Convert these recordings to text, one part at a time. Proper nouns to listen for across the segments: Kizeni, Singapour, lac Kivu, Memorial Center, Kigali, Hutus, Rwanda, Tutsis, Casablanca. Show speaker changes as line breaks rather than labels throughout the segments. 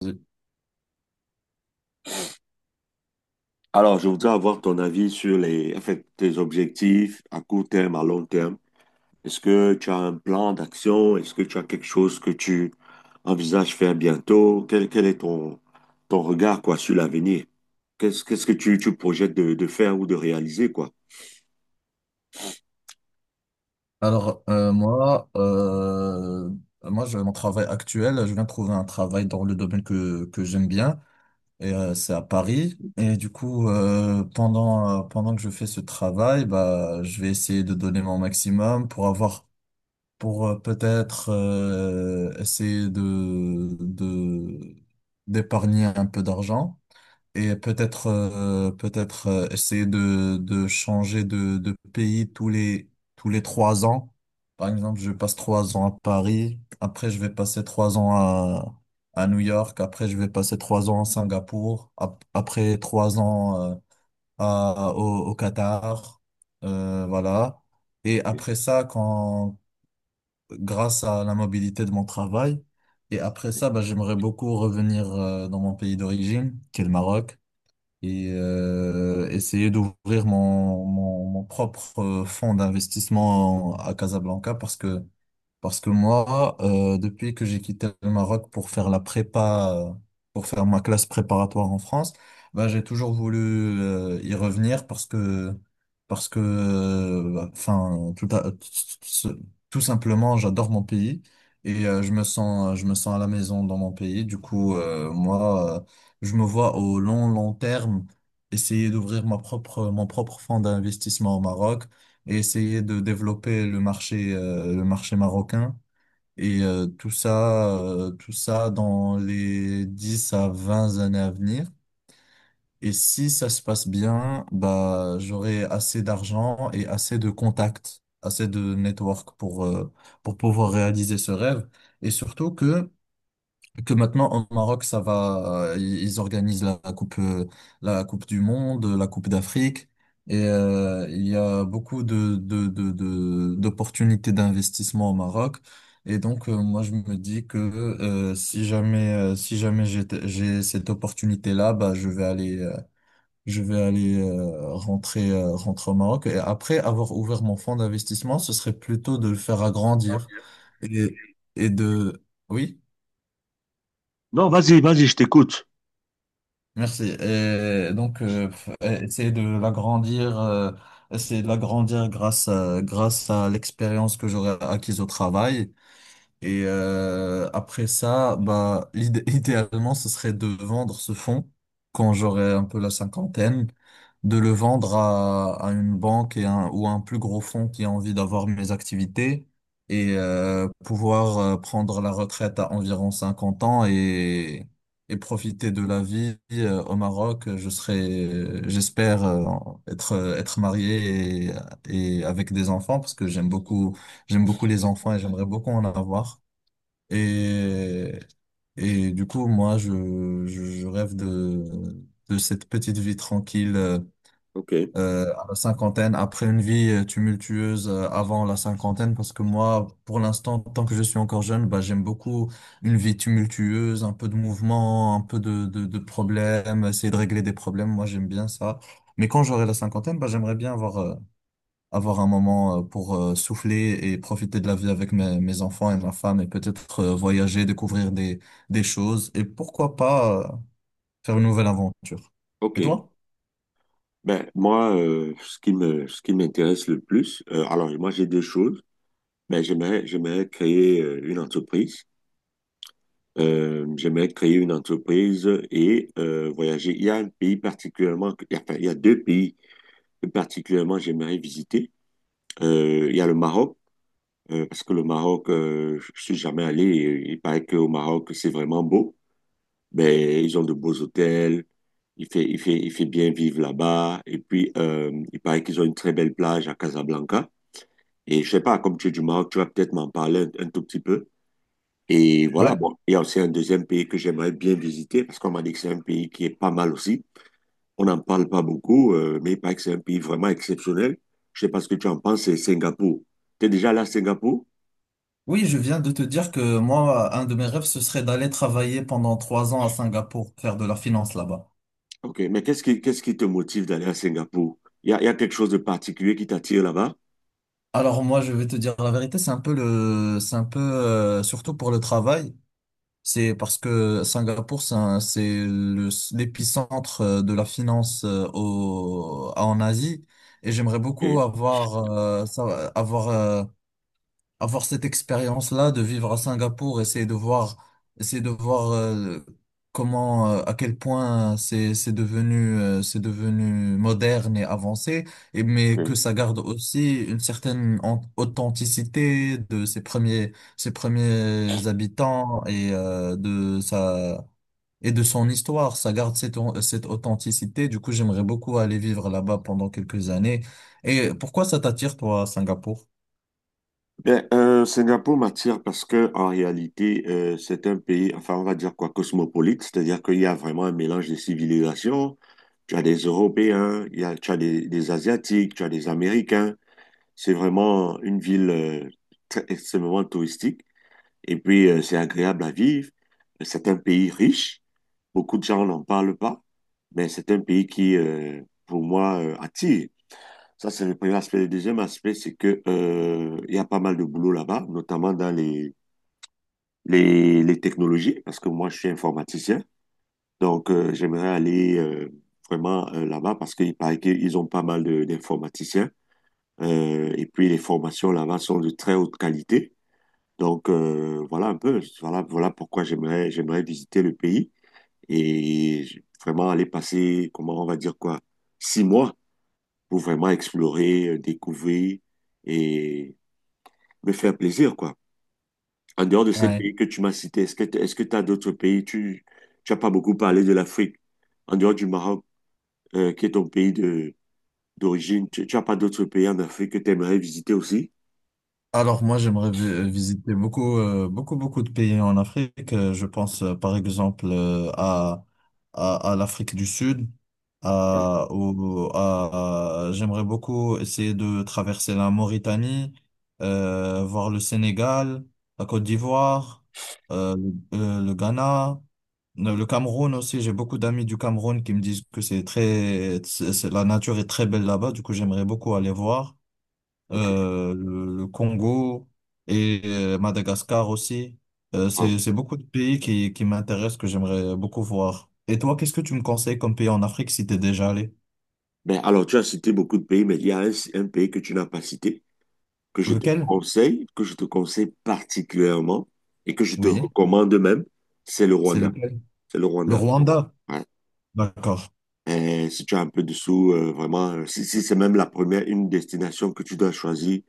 Oui.
Alors, je voudrais avoir ton avis sur tes objectifs à court terme, à long terme. Est-ce que tu as un plan d'action? Est-ce que tu as quelque chose que tu envisages faire bientôt? Quel est ton regard, quoi, sur l'avenir? Qu'est-ce que tu projettes de faire ou de réaliser, quoi?
Alors, moi, j'ai mon travail actuel. Je viens de trouver un travail dans le domaine que j'aime bien. Et c'est à Paris. Et du coup, pendant que je fais ce travail, bah, je vais essayer de donner mon maximum pour avoir, pour peut-être essayer d'épargner un peu d'argent. Et peut-être essayer de changer de pays tous les 3 ans. Par exemple, je passe 3 ans à Paris, après je vais passer 3 ans à New York, après je vais passer trois ans à Singapour, après 3 ans au Qatar, voilà. Et après ça, quand grâce à la mobilité de mon travail, et après ça, bah, j'aimerais beaucoup revenir dans mon pays d'origine, qui est le Maroc. Et essayer d'ouvrir mon propre fonds d'investissement à Casablanca, parce que moi, depuis que j'ai quitté le Maroc pour faire la prépa, pour faire ma classe préparatoire en France, bah, j'ai toujours voulu y revenir parce que, bah, enfin, tout, à- tout tout simplement, j'adore mon pays. Et je me sens à la maison dans mon pays. Du coup, moi, je me vois au long, long terme essayer d'ouvrir mon propre fonds d'investissement au Maroc et essayer de développer le marché marocain. Et tout ça dans les 10 à 20 années à venir. Et si ça se passe bien, bah, j'aurai assez d'argent et assez de contacts, assez de network pour pouvoir réaliser ce rêve. Et surtout que maintenant au Maroc, ça va. Ils organisent la coupe du monde, la coupe d'Afrique, et il y a beaucoup d'opportunités d'investissement au Maroc. Et donc moi, je me dis que si jamais j'ai cette opportunité là, bah je vais aller rentrer au Maroc, et après avoir ouvert mon fonds d'investissement, ce serait plutôt de le faire agrandir et et de oui.
Non, vas-y, vas-y, je t'écoute.
Merci. Et donc, essayer de l'agrandir grâce à l'expérience que j'aurai acquise au travail. Et après ça, bah, idéalement, ce serait de vendre ce fonds quand j'aurai un peu la cinquantaine, de le vendre à une banque ou à un plus gros fonds qui a envie d'avoir mes activités, et pouvoir prendre la retraite à environ 50 ans et profiter de la vie au Maroc. Je serai, j'espère, être marié et avec des enfants parce que j'aime beaucoup les enfants et j'aimerais beaucoup en avoir. Et, et du coup, moi, je rêve de cette petite vie tranquille
Ok,
à la cinquantaine, après une vie tumultueuse avant la cinquantaine, parce que moi, pour l'instant, tant que je suis encore jeune, bah, j'aime beaucoup une vie tumultueuse, un peu de mouvement, un peu de problèmes, essayer de régler des problèmes. Moi, j'aime bien ça. Mais quand j'aurai la cinquantaine, bah, j'aimerais bien avoir un moment pour souffler et profiter de la vie avec mes enfants et ma femme, et peut-être voyager, découvrir des choses et pourquoi pas faire une nouvelle aventure. Et
ok.
toi?
Ben, moi, ce qui ce qui m'intéresse le plus, alors, moi, j'ai deux choses. Ben, j'aimerais créer une entreprise. J'aimerais créer une entreprise et voyager. Il y a un pays particulièrement, il y a, enfin, il y a deux pays que particulièrement j'aimerais visiter. Il y a le Maroc, parce que le Maroc, je suis jamais allé. Et il paraît qu'au Maroc, c'est vraiment beau. Ben, ils ont de beaux hôtels. Il fait bien vivre là-bas. Et puis, il paraît qu'ils ont une très belle plage à Casablanca. Et je sais pas, comme tu es du Maroc, tu vas peut-être m'en parler un tout petit peu. Et voilà,
Ouais.
bon, il y a aussi un deuxième pays que j'aimerais bien visiter parce qu'on m'a dit que c'est un pays qui est pas mal aussi. On n'en parle pas beaucoup, mais il paraît que c'est un pays vraiment exceptionnel. Je sais pas ce que tu en penses, c'est Singapour. Tu es déjà allé à Singapour?
Oui, je viens de te dire que moi, un de mes rêves, ce serait d'aller travailler pendant 3 ans à Singapour, faire de la finance là-bas.
Ok, mais qu'est-ce qui te motive d'aller à Singapour? Il y a quelque chose de particulier qui t'attire là-bas?
Alors moi, je vais te dire la vérité, c'est un peu c'est un peu, surtout pour le travail. C'est parce que Singapour, c'est un- c'est le- l'épicentre de la finance en Asie. Et j'aimerais beaucoup
Ok,
avoir, ça- avoir cette expérience-là de vivre à Singapour, essayer de voir comment, à quel point c'est devenu moderne et avancé, et mais que
ok.
ça garde aussi une certaine authenticité de ses premiers habitants et de sa et de son histoire. Ça garde cette authenticité. Du coup, j'aimerais beaucoup aller vivre là-bas pendant quelques années. Et pourquoi ça t'attire, toi, à Singapour?
Ben, Singapour m'attire parce que en réalité, c'est un pays, enfin, on va dire quoi, cosmopolite, c'est-à-dire qu'il y a vraiment un mélange de civilisations. Tu as des Européens, il y a, tu as des Asiatiques, tu as des Américains. C'est vraiment une ville très, extrêmement touristique. Et puis, c'est agréable à vivre. C'est un pays riche. Beaucoup de gens n'en parlent pas, mais c'est un pays qui, pour moi, attire. Ça, c'est le premier aspect. Le deuxième aspect, c'est que, il y a pas mal de boulot là-bas, notamment dans les technologies, parce que moi, je suis informaticien. Donc, j'aimerais aller vraiment là-bas parce qu'il paraît qu'ils ont pas mal de- d'informaticiens. Et puis, les formations là-bas sont de très haute qualité. Donc, voilà un peu. Voilà pourquoi j'aimerais visiter le pays et j- vraiment aller passer, comment on va dire quoi, 6 mois pour vraiment explorer, découvrir et me faire plaisir, quoi. En dehors de ces pays que tu m'as cités, est-ce que t- est-ce que tu as d'autres pays? Tu as pas beaucoup parlé de l'Afrique. En dehors du Maroc, qui est ton pays de d'origine, tu as pas d'autres pays en Afrique que tu aimerais visiter aussi?
Alors moi, j'aimerais visiter beaucoup, beaucoup, beaucoup de pays en Afrique. Je pense par exemple à l'Afrique du Sud.
Ouais.
J'aimerais beaucoup essayer de traverser la Mauritanie, voir le Sénégal, la Côte d'Ivoire, euh, le Ghana, le Cameroun aussi. J'ai beaucoup d'amis du Cameroun qui me disent que c'est très, c'est- la nature est très belle là-bas. Du coup, j'aimerais beaucoup aller voir
Ok.
le Congo et Madagascar aussi. Euh, c'est,
Wow.
c'est beaucoup de pays qui m'intéressent, que j'aimerais beaucoup voir. Et toi, qu'est-ce que tu me conseilles comme pays en Afrique si t'es déjà allé?
Ben, alors, tu as cité beaucoup de pays, mais il y a un pays que tu n'as pas cité,
Lequel?
que je te conseille particulièrement et que je te
Oui,
recommande même, c'est le
c'est
Rwanda.
lequel?
C'est le
Le
Rwanda.
Rwanda. D'accord.
Si tu as un peu de sous, vraiment, si c'est même la première, une destination que tu dois choisir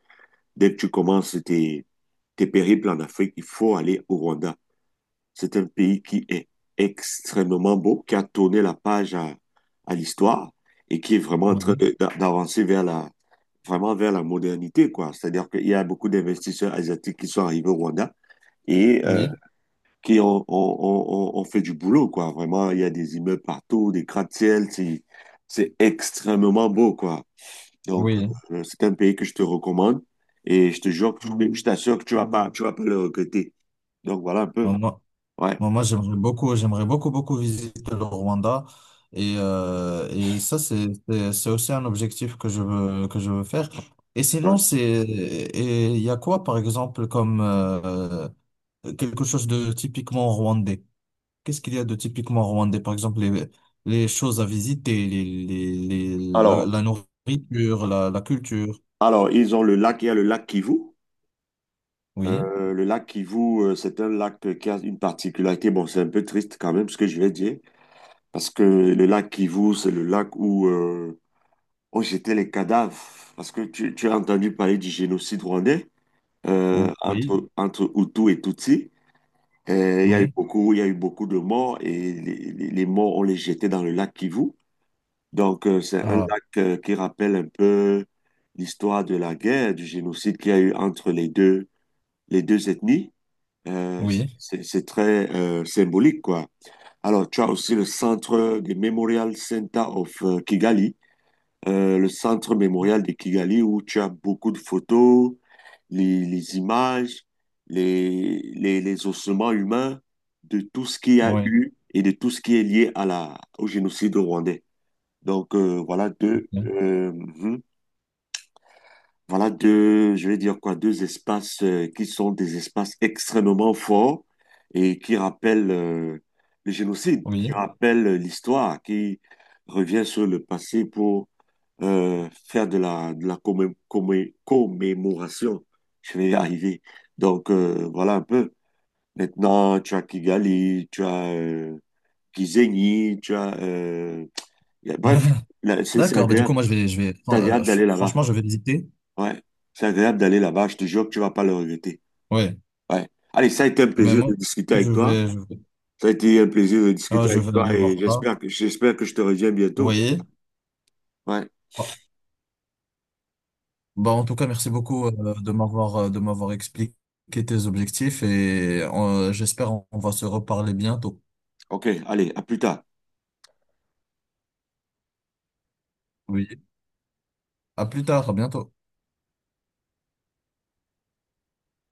dès que tu commences tes périples en Afrique, il faut aller au Rwanda. C'est un pays qui est extrêmement beau, qui a tourné la page à l'histoire et qui est vraiment en train
Oui,
de- d'a- d'avancer vers vraiment vers la modernité, quoi. C'est-à-dire qu'il y a beaucoup d'investisseurs asiatiques qui sont arrivés au Rwanda et
oui,
qui ont- ont- ont- ont fait du boulot, quoi. Vraiment, il y a des immeubles partout, des gratte-ciel, c'est extrêmement beau, quoi. Donc,
oui.
c'est un pays que je te recommande et je te jure, que je t'assure que tu vas pas le regretter. Donc, voilà un peu.
On, Moi,
Ouais,
moi, j'aimerais beaucoup, beaucoup visiter le Rwanda. Et ça, c'est aussi un objectif que je veux faire. Et sinon,
ouais.
et il y a quoi, par exemple, comme quelque chose de typiquement rwandais? Qu'est-ce qu'il y a de typiquement rwandais? Par exemple, les choses à visiter,
Alors,
la nourriture, la culture.
alors, ils ont le lac, il y a le lac Kivu.
Oui,
Le lac Kivu, c'est un lac qui a une particularité. Bon, c'est un peu triste quand même ce que je vais dire, parce que le lac Kivu, c'est le lac où, on jetait les cadavres parce que tu as entendu parler du génocide rwandais
oui,
entre Hutus et Tutsis.
oui.
Il y a eu beaucoup de morts et les morts, on les jetait dans le lac Kivu. Donc, c'est un
Ah,
lac qui rappelle un peu l'histoire de la guerre, du génocide qu'il y a eu entre les deux ethnies. Euh,
oui,
c'est très symbolique, quoi. Alors, tu as aussi le centre de Memorial Center of Kigali le centre mémorial de Kigali où tu as beaucoup de photos, les images, les ossements humains de tout ce qu'il y a
oui,
eu et de tout ce qui est lié à au génocide rwandais. Donc voilà deux, voilà deux, je vais dire quoi, deux espaces qui sont des espaces extrêmement forts et qui rappellent le génocide, qui
oui.
rappellent l'histoire, qui revient sur le passé pour faire de de la commé- commé- commémoration. Je vais y arriver. Donc, voilà un peu. Maintenant, tu as Kigali, tu as Kizeni, tu as... y a- bref, là, c'est
D'accord, bah du coup,
agréable.
moi, je vais, fran-
C'est agréable d'aller
ch-
là-bas.
franchement, je vais visiter.
Ouais, c'est agréable d'aller là-bas. Je te jure que tu vas pas le regretter.
Ouais,
Ouais. Allez, ça a été un
mais
plaisir de
moi,
discuter
je
avec toi.
vais, je vais,
Ça a été un plaisir de discuter
je
avec
vais
toi
aller voir
et
ça.
j'espère que je te reviens
Vous
bientôt. Quoi.
voyez?
Ouais,
Bon. Bah, en tout cas, merci beaucoup de m'avoir expliqué tes objectifs et j'espère on va se reparler bientôt.
ok, allez, à plus tard.
Oui. À plus tard, à bientôt.